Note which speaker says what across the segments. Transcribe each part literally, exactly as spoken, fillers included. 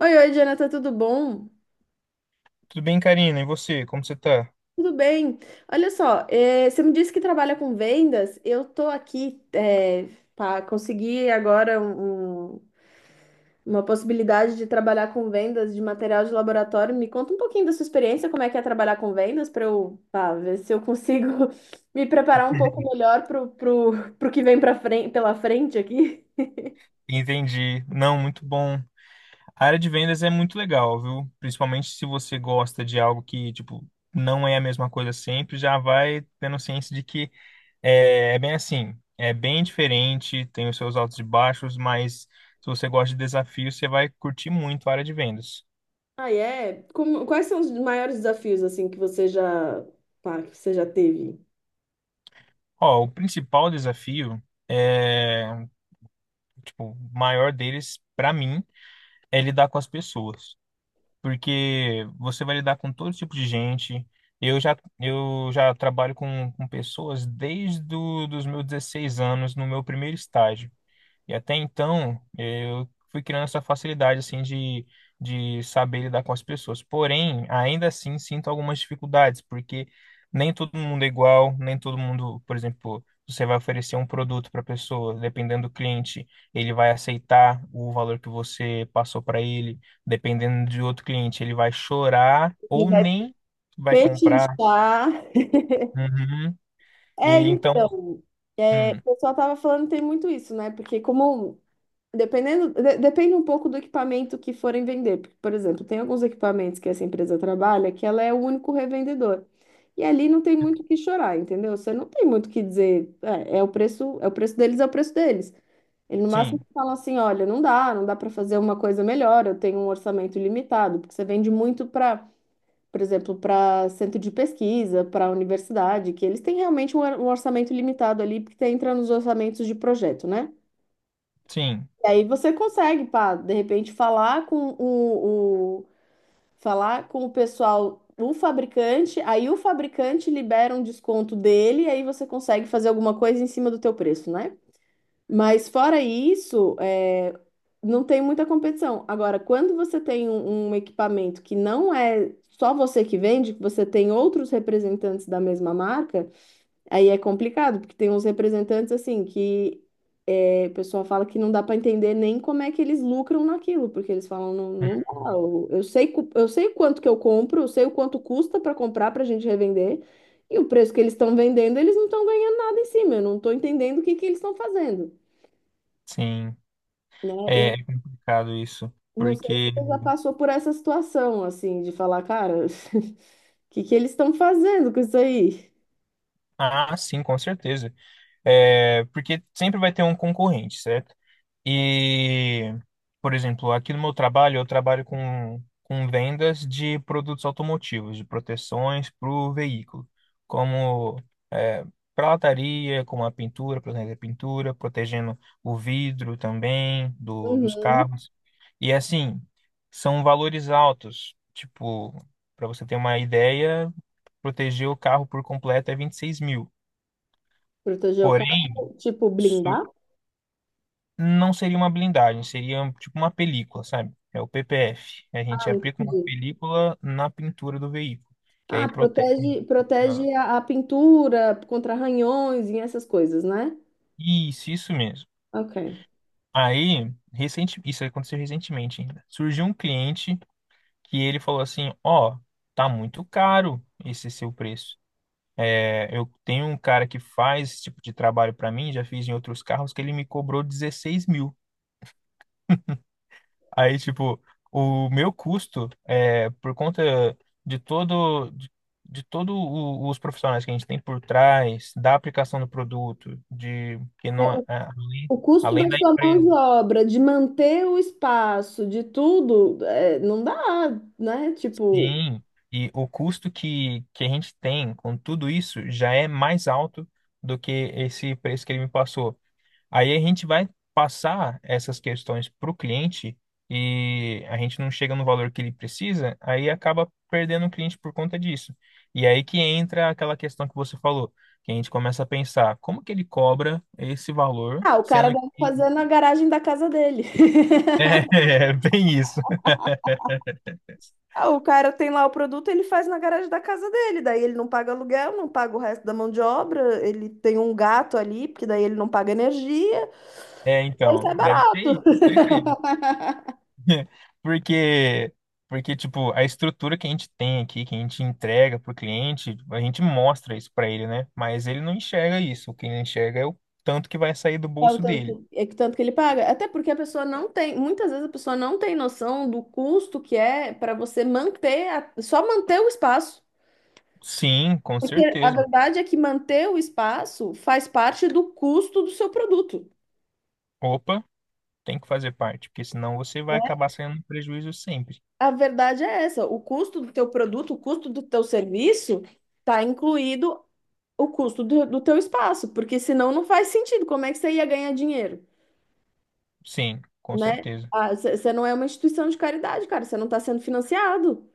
Speaker 1: Oi, oi, Jonathan, tudo bom?
Speaker 2: Tudo bem, Karina? E você? Como você tá?
Speaker 1: Tudo bem. Olha só, eh, você me disse que trabalha com vendas. Eu tô aqui para conseguir agora um- um- uma possibilidade de trabalhar com vendas de material de laboratório. Me conta um pouquinho da sua experiência, como é que é trabalhar com vendas, para eu, pá, ver se eu consigo me preparar um pouco melhor pro pro pro que vem pra frente, pela frente aqui.
Speaker 2: Entendi. Não, muito bom. A área de vendas é muito legal, viu? Principalmente se você gosta de algo que, tipo, não é a mesma coisa sempre, já vai tendo ciência de que é, é bem assim, é bem diferente, tem os seus altos e baixos, mas se você gosta de desafios, você vai curtir muito a área de vendas.
Speaker 1: Ah, é? Como- quais são os maiores desafios assim que você já, pá, que você já teve?
Speaker 2: Ó, o principal desafio é, tipo, o maior deles, pra mim, é lidar com as pessoas, porque você vai lidar com todo tipo de gente. Eu já, eu já trabalho com, com pessoas desde do, dos meus dezesseis anos, no meu primeiro estágio. E até então, eu fui criando essa facilidade, assim, de, de saber lidar com as pessoas. Porém, ainda assim, sinto algumas dificuldades, porque nem todo mundo é igual, nem todo mundo. Por exemplo, você vai oferecer um produto para a pessoa, dependendo do cliente, ele vai aceitar o valor que você passou para ele; dependendo de outro cliente, ele vai chorar ou nem vai comprar.
Speaker 1: Pechinchar.
Speaker 2: Uhum. E
Speaker 1: É,
Speaker 2: então,
Speaker 1: então, é,
Speaker 2: hum,
Speaker 1: o pessoal tava falando que tem muito isso, né? Porque como dependendo, de- depende um pouco do equipamento que forem vender. Porque, por exemplo, tem alguns equipamentos que essa empresa trabalha que ela é o único revendedor. E ali não tem muito o que chorar, entendeu? Você não tem muito o que dizer, é, é o preço, é o preço deles, é o preço deles. Ele no máximo
Speaker 2: sim,
Speaker 1: fala assim, olha, não dá, não dá para fazer uma coisa melhor, eu tenho um orçamento limitado, porque você vende muito para por exemplo, para centro de pesquisa, para universidade, que eles têm realmente um or- um orçamento limitado ali, porque entra nos orçamentos de projeto, né?
Speaker 2: sim.
Speaker 1: E aí você consegue, pá, de repente falar com o, o- falar com o pessoal do fabricante, aí o fabricante libera um desconto dele, aí você consegue fazer alguma coisa em cima do teu preço, né? Mas fora isso, é, não tem muita competição. Agora, quando você tem um, um equipamento que não é só você que vende, que você tem outros representantes da mesma marca, aí é complicado, porque tem uns representantes assim que é, o pessoal fala que não dá para entender nem como é que eles lucram naquilo, porque eles falam, não,
Speaker 2: Hum.
Speaker 1: não dá. Eu, eu sei, cu- eu sei o quanto que eu compro, eu sei o quanto custa para comprar para a gente revender, e o preço que eles estão vendendo, eles não estão ganhando nada em cima. Eu não estou entendendo o que que eles estão fazendo,
Speaker 2: Sim.
Speaker 1: né?
Speaker 2: É
Speaker 1: Eu
Speaker 2: é complicado isso,
Speaker 1: não sei se
Speaker 2: porque.
Speaker 1: você já passou por essa situação, assim, de falar, cara, o que que eles estão fazendo com isso aí?
Speaker 2: Ah, sim, com certeza. É, porque sempre vai ter um concorrente, certo? E, por exemplo, aqui no meu trabalho, eu trabalho com, com vendas de produtos automotivos, de proteções para o veículo, como é, prataria, como a pintura, protegendo a pintura, protegendo o vidro também do, dos
Speaker 1: Uhum.
Speaker 2: carros. E assim, são valores altos. Tipo, para você ter uma ideia, proteger o carro por completo é vinte e seis mil.
Speaker 1: Proteger o
Speaker 2: Porém,
Speaker 1: carro, tipo,
Speaker 2: isso
Speaker 1: blindar?
Speaker 2: não seria uma blindagem, seria um, tipo uma película, sabe? É o P P F. A
Speaker 1: Ah,
Speaker 2: gente aplica uma
Speaker 1: entendi.
Speaker 2: película na pintura do veículo, que
Speaker 1: Ah,
Speaker 2: aí protege.
Speaker 1: protege,
Speaker 2: Ah,
Speaker 1: protege a, a pintura contra arranhões e essas coisas, né?
Speaker 2: Isso, isso mesmo.
Speaker 1: Ok.
Speaker 2: Aí, recente, isso aconteceu recentemente ainda. Surgiu um cliente que ele falou assim: "Ó, tá muito caro esse seu preço. É, eu tenho um cara que faz esse tipo de trabalho pra mim, já fiz em outros carros, que ele me cobrou dezesseis mil." Aí, tipo, o meu custo, é, por conta de todo, de, de todo o- os profissionais que a gente tem por trás, da aplicação do produto, de que
Speaker 1: É,
Speaker 2: não, a- a- além,
Speaker 1: o custo
Speaker 2: além
Speaker 1: da
Speaker 2: da
Speaker 1: sua mão de
Speaker 2: empresa,
Speaker 1: obra, de manter o espaço, de tudo, é, não dá, né? Tipo,
Speaker 2: sim, e o custo que, que a gente tem com tudo isso já é mais alto do que esse preço que ele me passou. Aí a gente vai passar essas questões para o cliente e a gente não chega no valor que ele precisa, aí acaba perdendo o cliente por conta disso. E aí que entra aquela questão que você falou, que a gente começa a pensar, como que ele cobra esse valor,
Speaker 1: ah, o cara
Speaker 2: sendo
Speaker 1: deve
Speaker 2: que...
Speaker 1: fazer na garagem da casa dele.
Speaker 2: é, é bem isso.
Speaker 1: Ah, o cara tem lá o produto, ele faz na garagem da casa dele, daí ele não paga aluguel, não paga o resto da mão de obra, ele tem um gato ali, porque daí ele não paga energia,
Speaker 2: É,
Speaker 1: ele
Speaker 2: então,
Speaker 1: sai
Speaker 2: deve ser
Speaker 1: barato.
Speaker 2: isso, certeza. Porque, porque, tipo, a estrutura que a gente tem aqui, que a gente entrega pro cliente, a gente mostra isso pra ele, né? Mas ele não enxerga isso. O que ele enxerga é o tanto que vai sair do
Speaker 1: É o
Speaker 2: bolso
Speaker 1: tanto
Speaker 2: dele.
Speaker 1: que, é que tanto que ele paga. Até porque a pessoa não tem, muitas vezes a pessoa não tem noção do custo que é para você manter, a- só manter o espaço.
Speaker 2: Sim, com
Speaker 1: Porque a
Speaker 2: certeza.
Speaker 1: verdade é que manter o espaço faz parte do custo do seu produto.
Speaker 2: Opa, tem que fazer parte, porque senão você vai acabar saindo no prejuízo sempre.
Speaker 1: A verdade é essa, o custo do teu produto, o custo do teu serviço está incluído o custo do, do teu espaço, porque senão não faz sentido. Como é que você ia ganhar dinheiro,
Speaker 2: Sim, com
Speaker 1: né?
Speaker 2: certeza.
Speaker 1: Ah, Você você não é uma instituição de caridade, cara, você não está sendo financiado.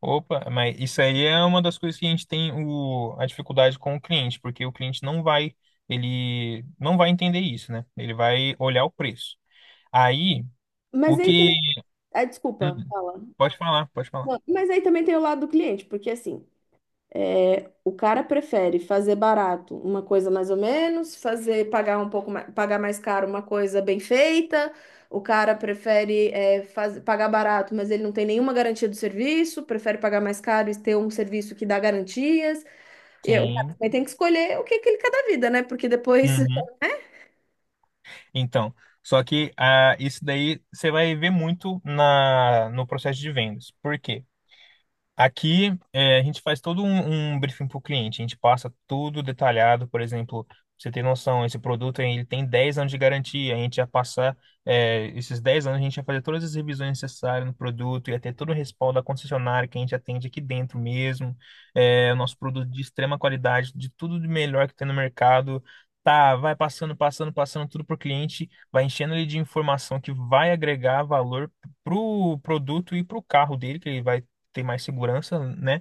Speaker 2: Opa, mas isso aí é uma das coisas que a gente tem o, a dificuldade com o cliente, porque o cliente não vai, ele não vai entender isso, né? Ele vai olhar o preço. Aí.
Speaker 1: Mas
Speaker 2: O
Speaker 1: aí
Speaker 2: que.
Speaker 1: também. Ah, desculpa,
Speaker 2: Hum,
Speaker 1: fala.
Speaker 2: pode falar, pode falar.
Speaker 1: Não, mas aí também tem o lado do cliente, porque assim, é, o cara prefere fazer barato uma coisa mais ou menos, fazer pagar um pouco mais, pagar mais caro uma coisa bem feita. O cara prefere é, faz- pagar barato, mas ele não tem nenhuma garantia do serviço, prefere pagar mais caro e ter um serviço que dá garantias. Eu, o cara
Speaker 2: Sim.
Speaker 1: também tem que escolher o que que ele quer da vida, né? Porque depois
Speaker 2: Uhum. Então, só que ah, isso daí você vai ver muito na, no processo de vendas. Por quê? Aqui, eh, a gente faz todo um, um briefing para o cliente, a gente passa tudo detalhado, por exemplo, pra você tem noção, esse produto ele tem dez anos de garantia, a gente ia passar eh, esses dez anos, a gente ia fazer todas as revisões necessárias no produto, ia ter todo o respaldo da concessionária que a gente atende aqui dentro mesmo, eh, o nosso produto de extrema qualidade, de tudo de melhor que tem no mercado, tá, vai passando, passando, passando tudo para o cliente, vai enchendo ele de informação que vai agregar valor pro produto e pro carro dele, que ele vai tem mais segurança, né?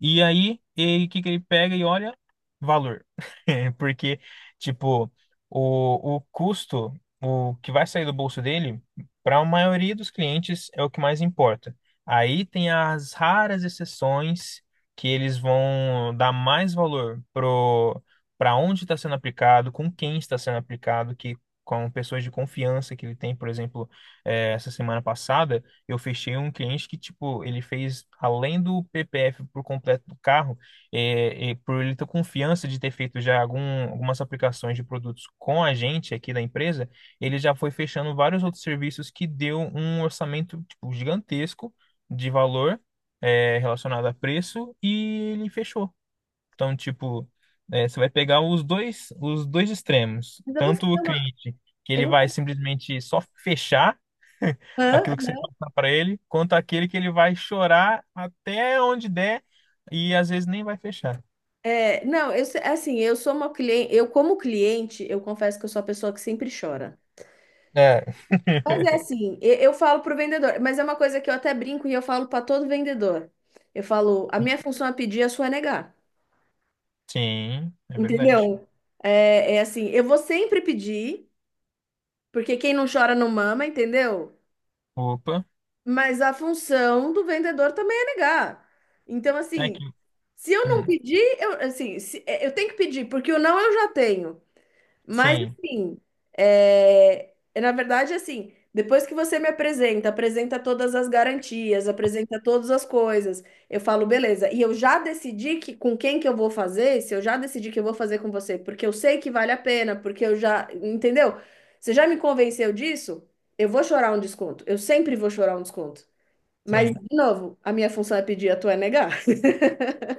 Speaker 2: E aí, ele- o que que ele pega e olha? Valor. Porque, tipo, o, o custo, o que vai sair do bolso dele, para a maioria dos clientes, é o que mais importa. Aí tem as raras exceções que eles vão dar mais valor pro para onde está sendo aplicado, com quem está sendo aplicado, que com pessoas de confiança que ele tem. Por exemplo, eh, essa semana passada eu fechei um cliente que, tipo, ele fez, além do P P F por completo do carro, é, é, por ele ter confiança de ter feito já algum, algumas aplicações de produtos com a gente aqui da empresa, ele já foi fechando vários outros serviços que deu um orçamento, tipo, gigantesco de valor, é, relacionado a preço, e ele fechou. Então, tipo, é, você vai pegar os dois, os dois extremos.
Speaker 1: mas eu vou
Speaker 2: Tanto
Speaker 1: fazer
Speaker 2: o
Speaker 1: uma,
Speaker 2: cliente, que
Speaker 1: eu
Speaker 2: ele
Speaker 1: vou
Speaker 2: vai
Speaker 1: fazer-
Speaker 2: simplesmente só fechar
Speaker 1: Hã?
Speaker 2: aquilo que você passar para ele, quanto aquele que ele vai chorar até onde der e às vezes nem vai fechar.
Speaker 1: É, não, eu se- assim, eu sou uma cliente, eu como cliente, eu confesso que eu sou a pessoa que sempre chora.
Speaker 2: É,
Speaker 1: Mas é assim, eu, eu falo pro vendedor, mas é uma coisa que eu até brinco e eu falo para todo vendedor. Eu falo, a minha função é pedir, a sua é negar.
Speaker 2: sim, é verdade.
Speaker 1: Entendeu? É, é assim, eu vou sempre pedir, porque quem não chora não mama, entendeu?
Speaker 2: Opa,
Speaker 1: Mas a função do vendedor também é negar. Então,
Speaker 2: é
Speaker 1: assim,
Speaker 2: que,
Speaker 1: se eu não
Speaker 2: hum,
Speaker 1: pedir, eu, assim, se- é, eu tenho que pedir, porque o não eu já tenho. Mas,
Speaker 2: sim,
Speaker 1: assim, é, é, na verdade, assim, depois que você me apresenta, apresenta todas as garantias, apresenta todas as coisas, eu falo, beleza. E eu já decidi que com quem que eu vou fazer, se eu já decidi que eu vou fazer com você, porque eu sei que vale a pena, porque eu já, entendeu? Você já me convenceu disso? Eu vou chorar um desconto. Eu sempre vou chorar um desconto. Mas,
Speaker 2: sim.
Speaker 1: de novo, a minha função é pedir, a tua é negar.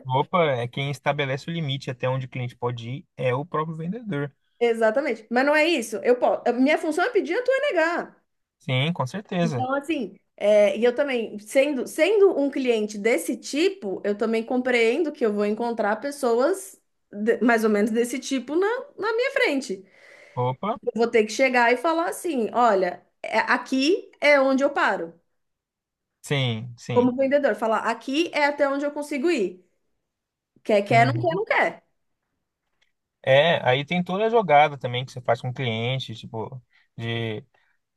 Speaker 2: Opa, é quem estabelece o limite até onde o cliente pode ir é o próprio vendedor.
Speaker 1: Exatamente. Mas não é isso. Eu posso, a minha função é pedir, a tua é negar.
Speaker 2: Sim, com certeza.
Speaker 1: Então, assim, é, e eu também, sendo, sendo um cliente desse tipo, eu também compreendo que eu vou encontrar pessoas de- mais ou menos desse tipo na, na minha frente.
Speaker 2: Opa,
Speaker 1: Eu vou ter que chegar e falar assim: olha, é- aqui é onde eu paro.
Speaker 2: sim, sim.
Speaker 1: Como vendedor, falar aqui é até onde eu consigo ir. Quer, quer, não quer,
Speaker 2: Uhum.
Speaker 1: não quer.
Speaker 2: É, aí tem toda a jogada também que você faz com o cliente, tipo, de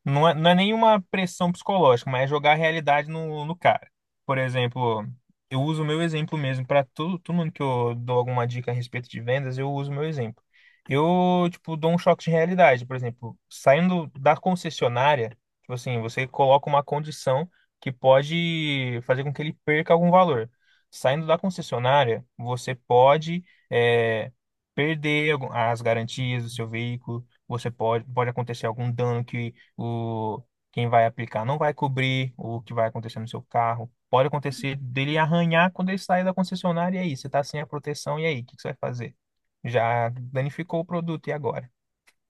Speaker 2: não é, não é nenhuma pressão psicológica, mas é jogar a realidade no, no cara. Por exemplo, eu uso o meu exemplo mesmo. Para todo, todo mundo que eu dou alguma dica a respeito de vendas, eu uso o meu exemplo. Eu, tipo, dou um choque de realidade. Por exemplo, saindo da concessionária, tipo assim, você coloca uma condição que pode fazer com que ele perca algum valor. Saindo da concessionária, você pode, é, perder algum- as garantias do seu veículo, você pode, pode acontecer algum dano que o quem vai aplicar não vai cobrir o que vai acontecer no seu carro. Pode acontecer dele arranhar quando ele sair da concessionária, e aí você está sem a proteção, e aí, o que que você vai fazer? Já danificou o produto, e agora?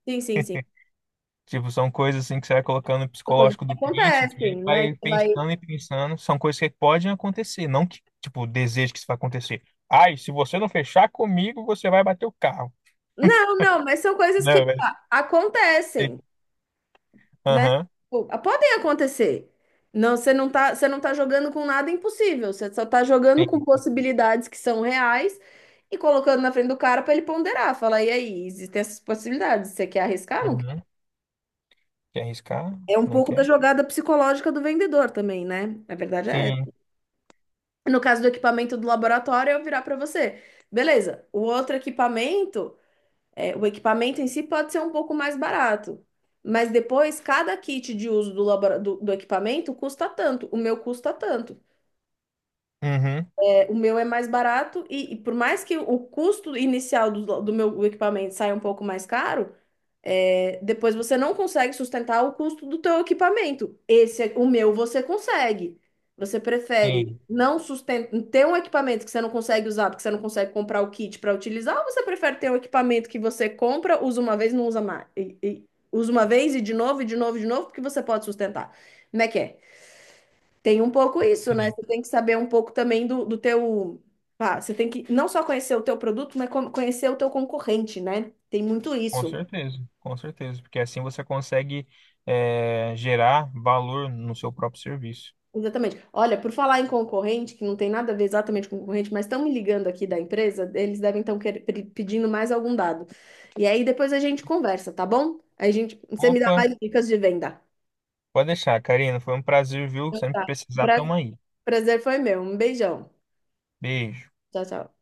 Speaker 1: Sim, sim, sim.
Speaker 2: Tipo, são coisas assim que você vai colocando no
Speaker 1: São coisas
Speaker 2: psicológico
Speaker 1: que
Speaker 2: do cliente, que ele
Speaker 1: acontecem, né?
Speaker 2: vai
Speaker 1: Que vai...
Speaker 2: pensando e pensando, são coisas que podem acontecer, não que, tipo, desejo que isso vai acontecer. Ai, se você não fechar comigo, você vai bater o carro.
Speaker 1: Não, não, mas são coisas que
Speaker 2: Não, velho.
Speaker 1: pá, acontecem. Né?
Speaker 2: Aham,
Speaker 1: Pô, ah, podem acontecer. Não, você não tá, você não tá jogando com nada impossível, você só tá jogando com
Speaker 2: tem.
Speaker 1: possibilidades que são reais e colocando na frente do cara para ele ponderar, falar, e aí, existem essas possibilidades, você quer arriscar? Não quer?
Speaker 2: Uhum. Quer arriscar?
Speaker 1: É um
Speaker 2: Não
Speaker 1: pouco da
Speaker 2: quer?
Speaker 1: jogada psicológica do vendedor também, né? Na verdade é
Speaker 2: Sim.
Speaker 1: essa. No caso do equipamento do laboratório, eu virar para você. Beleza, o outro equipamento é, o equipamento em si pode ser um pouco mais barato, mas depois cada kit de uso do, labora- do, do equipamento custa tanto, o meu custa tanto.
Speaker 2: Uhum.
Speaker 1: É, o meu é mais barato e, e por mais que o custo inicial do, do meu equipamento saia um pouco mais caro, é, depois você não consegue sustentar o custo do teu equipamento. Esse, é- o meu, você consegue. Você prefere
Speaker 2: Sim,
Speaker 1: não sustentar, ter um equipamento que você não consegue usar, porque você não consegue comprar o kit para utilizar, ou você prefere ter um equipamento que você compra, usa uma vez, não usa mais, e, e- usa uma vez e de novo, e de novo, e de novo, porque você pode sustentar. Como é que é? Tem um pouco isso, né?
Speaker 2: sim.
Speaker 1: Você tem que saber um pouco também do, do teu. Ah, você tem que não só conhecer o teu produto, mas co- conhecer o teu concorrente, né? Tem muito
Speaker 2: Com
Speaker 1: isso.
Speaker 2: certeza, com certeza, porque assim você consegue eh, gerar valor no seu próprio serviço.
Speaker 1: Exatamente. Olha, por falar em concorrente, que não tem nada a ver exatamente com concorrente, mas estão me ligando aqui da empresa, eles devem estar pedindo mais algum dado. E aí depois a gente conversa, tá bom? Aí a gente, você me dá
Speaker 2: Opa,
Speaker 1: mais dicas de venda.
Speaker 2: pode deixar, Karina, foi um prazer, viu?
Speaker 1: Então
Speaker 2: Sempre
Speaker 1: tá.
Speaker 2: precisar,
Speaker 1: Pra-
Speaker 2: tamo aí.
Speaker 1: prazer foi meu. Um beijão.
Speaker 2: Beijo.
Speaker 1: Tchau, tchau.